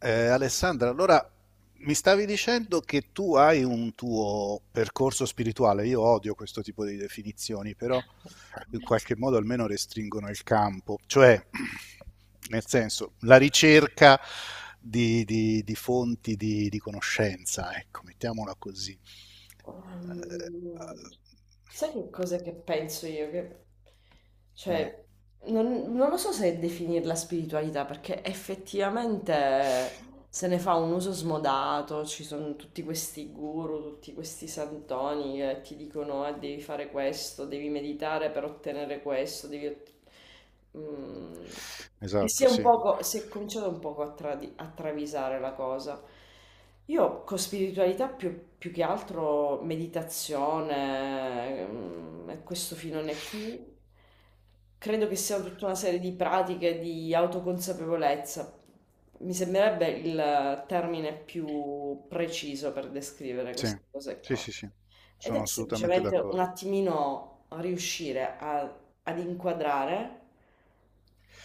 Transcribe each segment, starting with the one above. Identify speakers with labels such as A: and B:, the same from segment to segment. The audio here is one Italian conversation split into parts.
A: Alessandra, allora mi stavi dicendo che tu hai un tuo percorso spirituale. Io odio questo tipo di definizioni, però in qualche modo almeno restringono il campo, cioè nel senso la ricerca di fonti di conoscenza, ecco, mettiamola così. Eh,
B: Ehm, Sai che cosa che penso io? Che,
A: mm,
B: cioè, non lo so se definirla spiritualità, perché effettivamente se ne fa un uso smodato, ci sono tutti questi guru, tutti questi santoni che ti dicono, ah, devi fare questo, devi meditare per ottenere questo, mm, che
A: esatto,
B: sia un poco, si è cominciato un poco a travisare la cosa. Io con spiritualità più che altro meditazione, e questo filone qui, credo che siano tutta una serie di pratiche di autoconsapevolezza. Mi sembrerebbe il termine più preciso per descrivere
A: sì,
B: queste cose
A: sì,
B: qua.
A: sì, sì,
B: Ed
A: sono
B: è
A: assolutamente
B: semplicemente un
A: d'accordo.
B: attimino riuscire ad inquadrare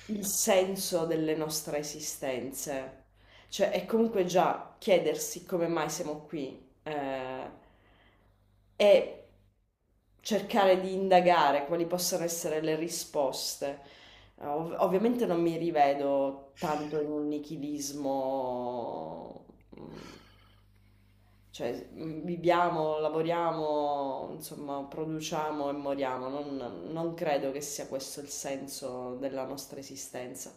B: il senso delle nostre esistenze. Cioè, è comunque già chiedersi come mai siamo qui, e cercare di indagare quali possano essere le risposte. Ovviamente non mi rivedo tanto in un nichilismo. mm, cioè, viviamo, lavoriamo, insomma, produciamo e moriamo. Non credo che sia questo il senso della nostra esistenza.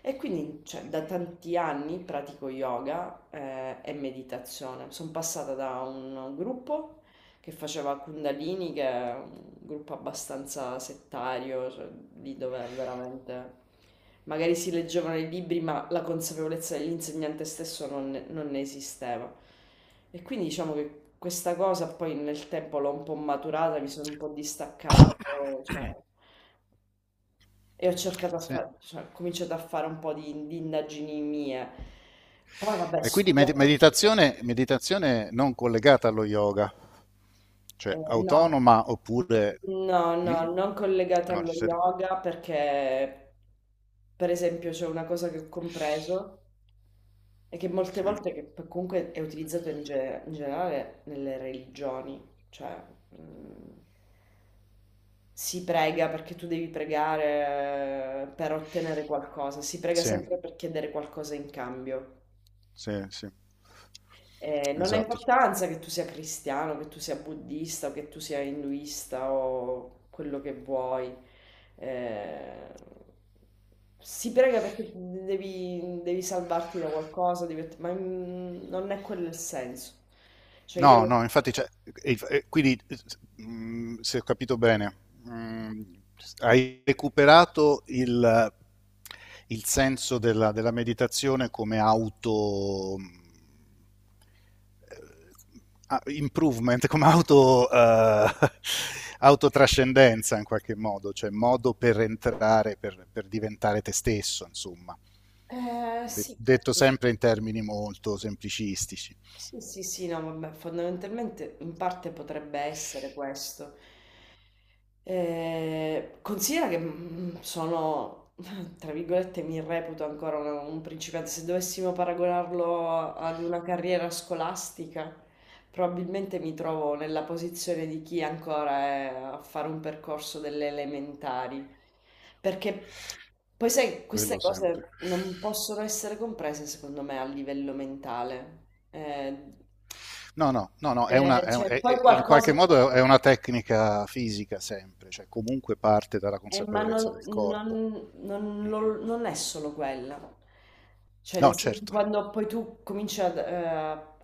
B: E quindi, cioè, da tanti anni pratico yoga, e meditazione. Son passata da un gruppo che faceva Kundalini, che è un gruppo abbastanza settario, cioè, lì dove veramente magari si leggevano i libri, ma la consapevolezza dell'insegnante stesso non ne esisteva. E quindi diciamo che questa cosa poi nel tempo l'ho un po' maturata, mi sono un po' distaccato, cioè, e ho cercato a
A: Sì.
B: fare, cioè, ho cominciato a fare un po' di indagini mie. Poi vabbè,
A: E quindi
B: studiavo,
A: meditazione, meditazione non collegata allo yoga, cioè
B: no.
A: autonoma oppure...
B: No,
A: mm?
B: no, non collegata
A: No,
B: allo yoga perché, per esempio, c'è una cosa che ho compreso e che molte
A: sì,
B: volte comunque è utilizzato in generale nelle religioni, cioè mm, si prega perché tu devi pregare per ottenere qualcosa, si prega
A: sì,
B: sempre per chiedere qualcosa in cambio.
A: sì,
B: Non ha
A: esatto.
B: importanza che tu sia cristiano, che tu sia buddista, o che tu sia induista o quello che vuoi. Eh, si prega perché devi salvarti da qualcosa, ma non è quello il senso. Cioè
A: No,
B: io.
A: no, infatti, cioè, e quindi se ho capito bene, mh, hai recuperato il senso della meditazione come auto improvement, come auto, autotrascendenza in qualche modo, cioè modo per entrare, per diventare te stesso, insomma.
B: Sì.
A: Detto sempre in termini molto semplicistici.
B: Sì, sì, sì, no, vabbè, fondamentalmente in parte potrebbe essere questo. Considera che sono, tra virgolette, mi reputo ancora un principiante. Se dovessimo paragonarlo ad una carriera scolastica, probabilmente mi trovo nella posizione di chi ancora è a fare un percorso delle elementari. Perché poi, sai,
A: Quello
B: queste
A: sempre.
B: cose non possono essere comprese, secondo me, a livello mentale. Eh,
A: No, è una,
B: cioè, poi
A: in
B: qualcosa.
A: qualche modo è una tecnica fisica sempre, cioè comunque parte dalla
B: Ma
A: consapevolezza
B: non,
A: del corpo.
B: non- non-
A: Mm.
B: non- non è solo quella. Cioè,
A: No,
B: nel senso,
A: certo.
B: quando poi tu cominci ad, eh,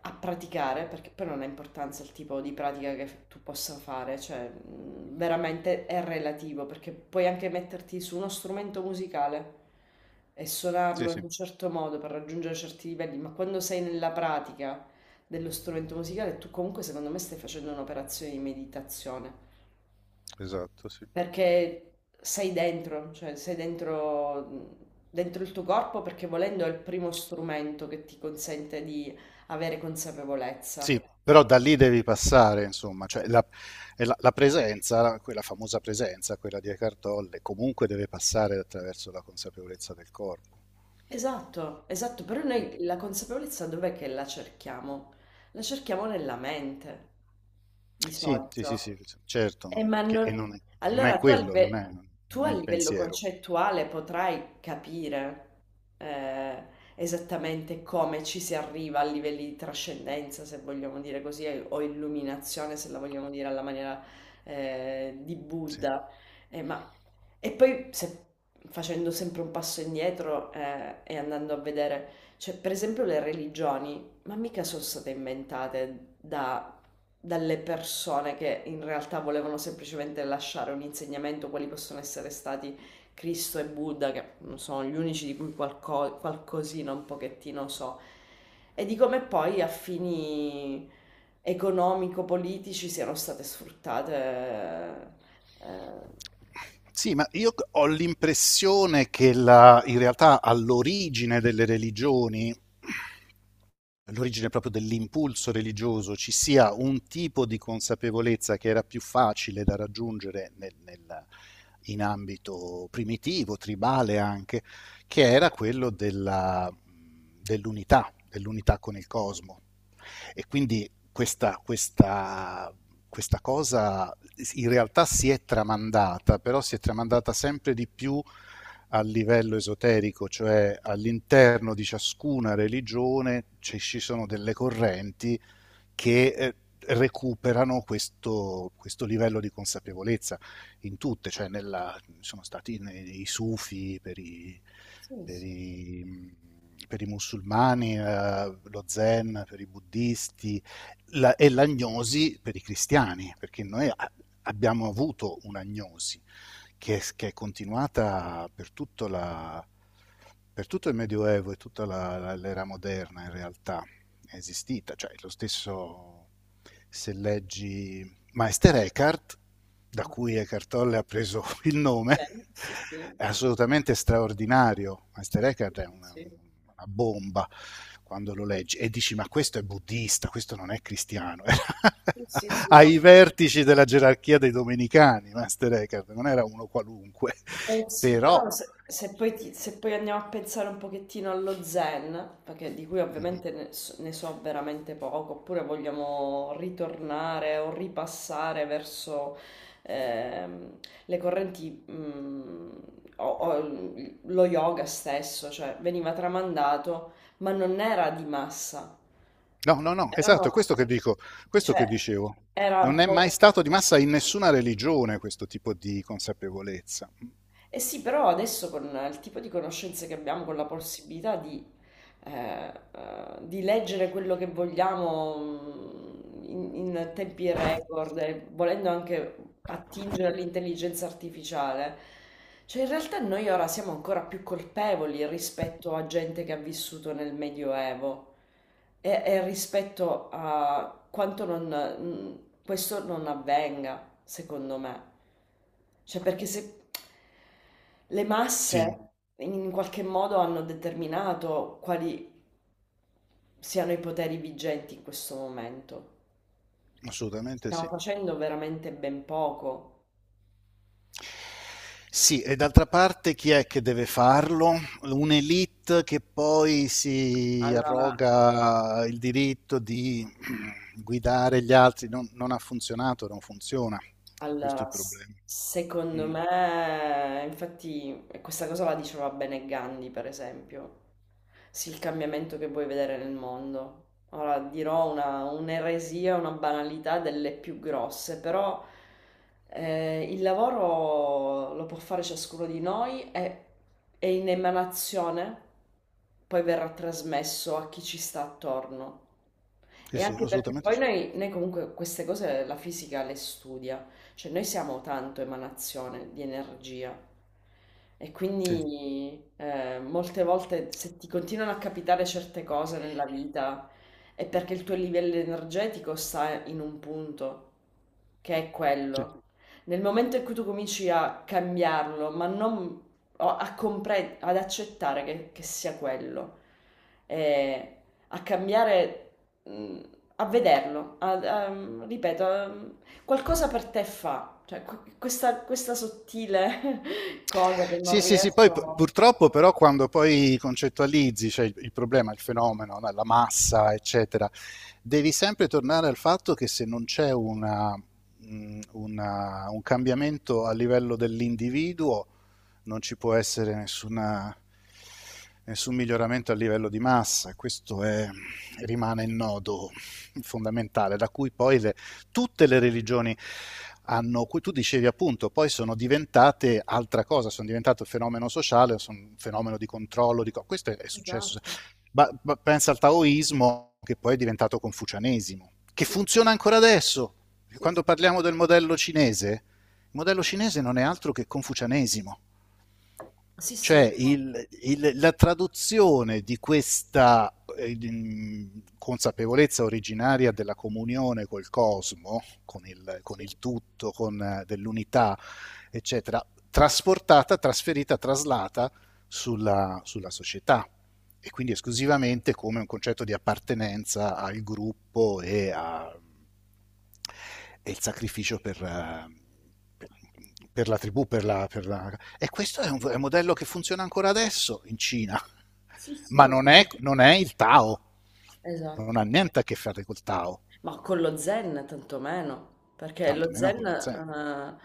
B: a praticare, perché poi non ha importanza il tipo di pratica che tu possa fare, cioè, veramente è relativo, perché puoi anche metterti su uno strumento musicale e
A: Sì,
B: suonarlo in
A: sì,
B: un certo modo per raggiungere certi livelli, ma quando sei nella pratica dello strumento musicale, tu comunque, secondo me, stai facendo un'operazione di meditazione.
A: esatto, sì.
B: Perché sei dentro, cioè sei dentro, dentro il tuo corpo perché volendo è il primo strumento che ti consente di avere consapevolezza.
A: Sì, però da lì devi passare, insomma, e la presenza, quella famosa presenza, quella di Eckhart Tolle, comunque deve passare attraverso la consapevolezza del corpo.
B: Esatto, esatto, però
A: Mm.
B: noi la consapevolezza dov'è che la cerchiamo? La cerchiamo nella mente, di
A: Sì, sì, sì,
B: solito.
A: sì, certo, e
B: Non...
A: non è, non è
B: Allora tu a,
A: quello, non è,
B: live- tu
A: non è
B: a
A: il
B: livello
A: pensiero.
B: concettuale potrai capire eh, esattamente come ci si arriva a livelli di trascendenza, se vogliamo dire così, o illuminazione, se la vogliamo dire alla maniera di
A: Sì.
B: Buddha. Eh, ma... E poi se- Facendo sempre un passo indietro e andando a vedere, cioè, per esempio le religioni ma mica sono state inventate dalle persone che in realtà volevano semplicemente lasciare un insegnamento, quali possono essere stati Cristo e Buddha, che sono gli unici di cui qualcosina un pochettino so, e di come poi a fini economico-politici siano state sfruttate. eh,
A: Sì, ma io ho l'impressione che in realtà all'origine delle religioni l'origine proprio dell'impulso religioso, ci sia un tipo di consapevolezza che era più facile da raggiungere in ambito primitivo, tribale anche, che era quello dell'unità, dell'unità con il cosmo. E quindi questa cosa in realtà si è tramandata, però si è tramandata sempre di più a livello esoterico, cioè all'interno di ciascuna religione ci sono delle correnti che recuperano questo livello di consapevolezza in tutte, cioè nella, sono stati nei, i sufi per
B: Sì,
A: per
B: sì.
A: i, per i musulmani, lo zen per i buddisti la, e l'agnosi per i cristiani, perché abbiamo avuto un'agnosi che è continuata per per tutto il Medioevo e tutta l'era moderna in realtà, è esistita, cioè lo stesso se leggi Meister Eckhart, da
B: Ah,
A: cui Eckhart
B: sì.
A: Tolle ha preso il nome,
B: Cioè, sì, sì,
A: è assolutamente straordinario. Meister Eckhart è
B: sì,
A: una bomba quando lo leggi e dici ma questo è buddista, questo non è cristiano, era
B: sì, sì, sì, no.
A: ai vertici della gerarchia dei domenicani, Master Eckhart, non era uno qualunque,
B: Eh sì,
A: però
B: però se poi andiamo a pensare un pochettino allo zen, perché di cui
A: mm,
B: ovviamente ne so, ne so veramente poco, oppure vogliamo ritornare o ripassare verso ehm, le correnti, o lo yoga stesso, cioè veniva tramandato, ma non era di massa,
A: no, esatto, è
B: erano,
A: questo che dico, questo che
B: cioè,
A: dicevo.
B: era
A: Non
B: un
A: è mai
B: po'.
A: stato di massa in nessuna religione questo tipo di consapevolezza.
B: Eh sì, però adesso con il tipo di conoscenze che abbiamo, con la possibilità eh, di leggere quello che vogliamo in tempi record, e volendo anche attingere all'intelligenza artificiale, cioè in realtà noi ora siamo ancora più colpevoli rispetto a gente che ha vissuto nel Medioevo. E rispetto a quanto non, questo non avvenga, secondo me. Cioè, perché se le
A: Sì,
B: masse in qualche modo hanno determinato quali siano i poteri vigenti in questo momento.
A: assolutamente
B: Stiamo
A: sì.
B: facendo veramente ben poco.
A: Sì, e d'altra parte chi è che deve farlo? Un'elite che poi si
B: Allora,
A: arroga il diritto di guidare gli altri. Non, non ha funzionato, non funziona. Questo è il problema.
B: Secondo
A: Mm.
B: me, infatti, e questa cosa la diceva bene Gandhi, per esempio. Sì, il cambiamento che vuoi vedere nel mondo. Ora dirò una, un'eresia, una banalità delle più grosse, però il lavoro lo può fare ciascuno di noi e è in emanazione, poi verrà trasmesso a chi ci sta attorno.
A: Sì,
B: E
A: sì,
B: anche perché
A: assolutamente
B: poi
A: sì.
B: noi comunque queste cose la fisica le studia. Cioè noi siamo tanto emanazione di energia e
A: Sì,
B: quindi molte volte se ti continuano a capitare certe cose nella vita è perché il tuo livello energetico sta in un punto, che è
A: sì.
B: quello. Nel momento in cui tu cominci a cambiarlo, ma non o ad accettare che sia quello, eh, a cambiare, mh, a vederlo, ripeto, qualcosa per te fa, cioè questa sottile cosa che non
A: Sì, poi
B: riesco.
A: purtroppo però quando poi concettualizzi, cioè il problema, il fenomeno, no, la massa, eccetera, devi sempre tornare al fatto che se non c'è un cambiamento a livello dell'individuo, non ci può essere nessun miglioramento a livello di massa. Rimane il nodo fondamentale, da cui poi le tutte le religioni hanno, tu dicevi appunto, poi sono diventate altra cosa, sono diventate un fenomeno sociale, sono un fenomeno di controllo, questo è successo.
B: Esatto,
A: Ma pensa al taoismo che poi è diventato confucianesimo, che
B: sì, sì,
A: funziona ancora adesso.
B: sì,
A: Quando
B: sì.
A: parliamo del modello cinese, il modello cinese non è altro che confucianesimo.
B: Sì, sì,
A: Cioè
B: no.
A: la traduzione di questa consapevolezza originaria della comunione col cosmo, con
B: Sì,
A: il tutto, con dell'unità, eccetera, trasportata, trasferita, traslata sulla società e quindi esclusivamente come un concetto di appartenenza al gruppo e il sacrificio per, per- per la tribù, e questo è un modello che funziona ancora adesso in Cina,
B: sì,
A: ma
B: sì,
A: non è,
B: no.
A: non è il Tao, non
B: Esatto.
A: ha niente a che fare col Tao,
B: Ma con lo zen tantomeno, perché lo
A: tantomeno
B: zen
A: con lo Zen.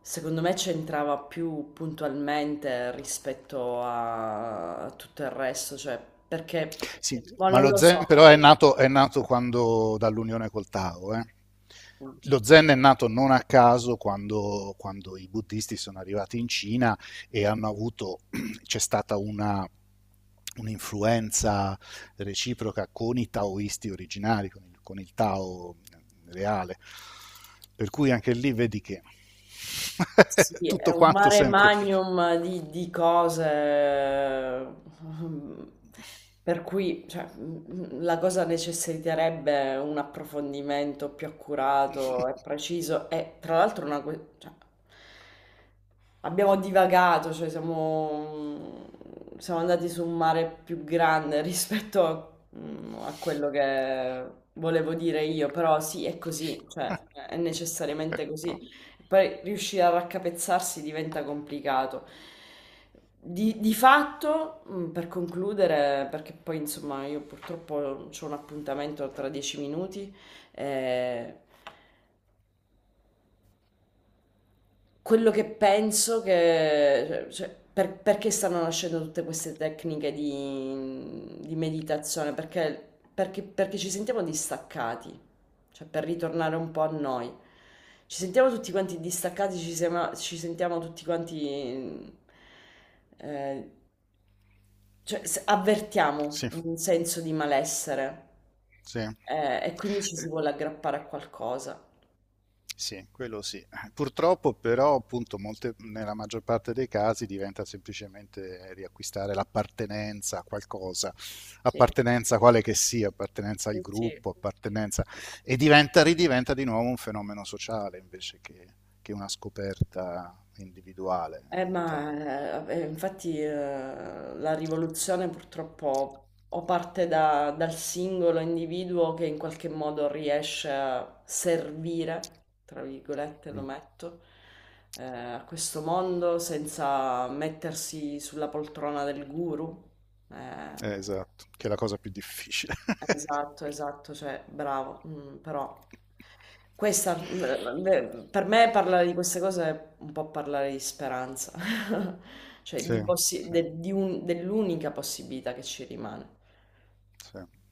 B: secondo me c'entrava più puntualmente rispetto a tutto il resto, cioè perché,
A: Sì,
B: ma
A: ma
B: non
A: lo
B: lo
A: Zen
B: so.
A: però è nato quando, dall'unione col Tao. Lo Zen è nato non a caso quando, quando i buddisti sono arrivati in Cina e hanno avuto, c'è stata una, un'influenza reciproca con i taoisti originari, con il Tao reale. Per cui anche lì vedi che
B: Sì, è
A: tutto
B: un
A: quanto
B: mare
A: sempre.
B: magnum di cose, per cui cioè, la cosa necessiterebbe un approfondimento più accurato e preciso e tra l'altro cioè, abbiamo divagato, cioè siamo andati su un mare più grande rispetto a quello che volevo dire io, però sì, è così, cioè è necessariamente così poi riuscire a raccapezzarsi diventa complicato. Di fatto, per concludere, perché poi insomma io purtroppo ho un appuntamento tra 10 minuti, eh, quello che penso che, cioè, perché stanno nascendo tutte queste tecniche di meditazione? Perché ci sentiamo distaccati, cioè per ritornare un po' a noi. Ci sentiamo tutti quanti distaccati, ci sentiamo tutti quanti, eh, cioè avvertiamo
A: Sì,
B: un senso di malessere,
A: sì.
B: e quindi ci si vuole aggrappare a qualcosa.
A: Sì, quello sì. Purtroppo però, appunto, nella maggior parte dei casi diventa semplicemente riacquistare l'appartenenza a qualcosa,
B: Sì,
A: appartenenza quale che sia, appartenenza al
B: sì. Sì.
A: gruppo, appartenenza... e diventa, ridiventa di nuovo un fenomeno sociale invece che una scoperta individuale. Então,
B: Ma infatti, la rivoluzione purtroppo o parte dal singolo individuo che in qualche modo riesce a servire, tra virgolette lo
A: mm,
B: metto, a questo mondo senza mettersi sulla poltrona del guru. Eh,
A: esatto, che è la cosa più difficile.
B: Esatto, esatto, cioè bravo, però beh, per me parlare di queste cose è un po' parlare di speranza, cioè di
A: Sì,
B: possi-
A: sì,
B: de- di un- dell'unica possibilità che ci rimane.
A: sì.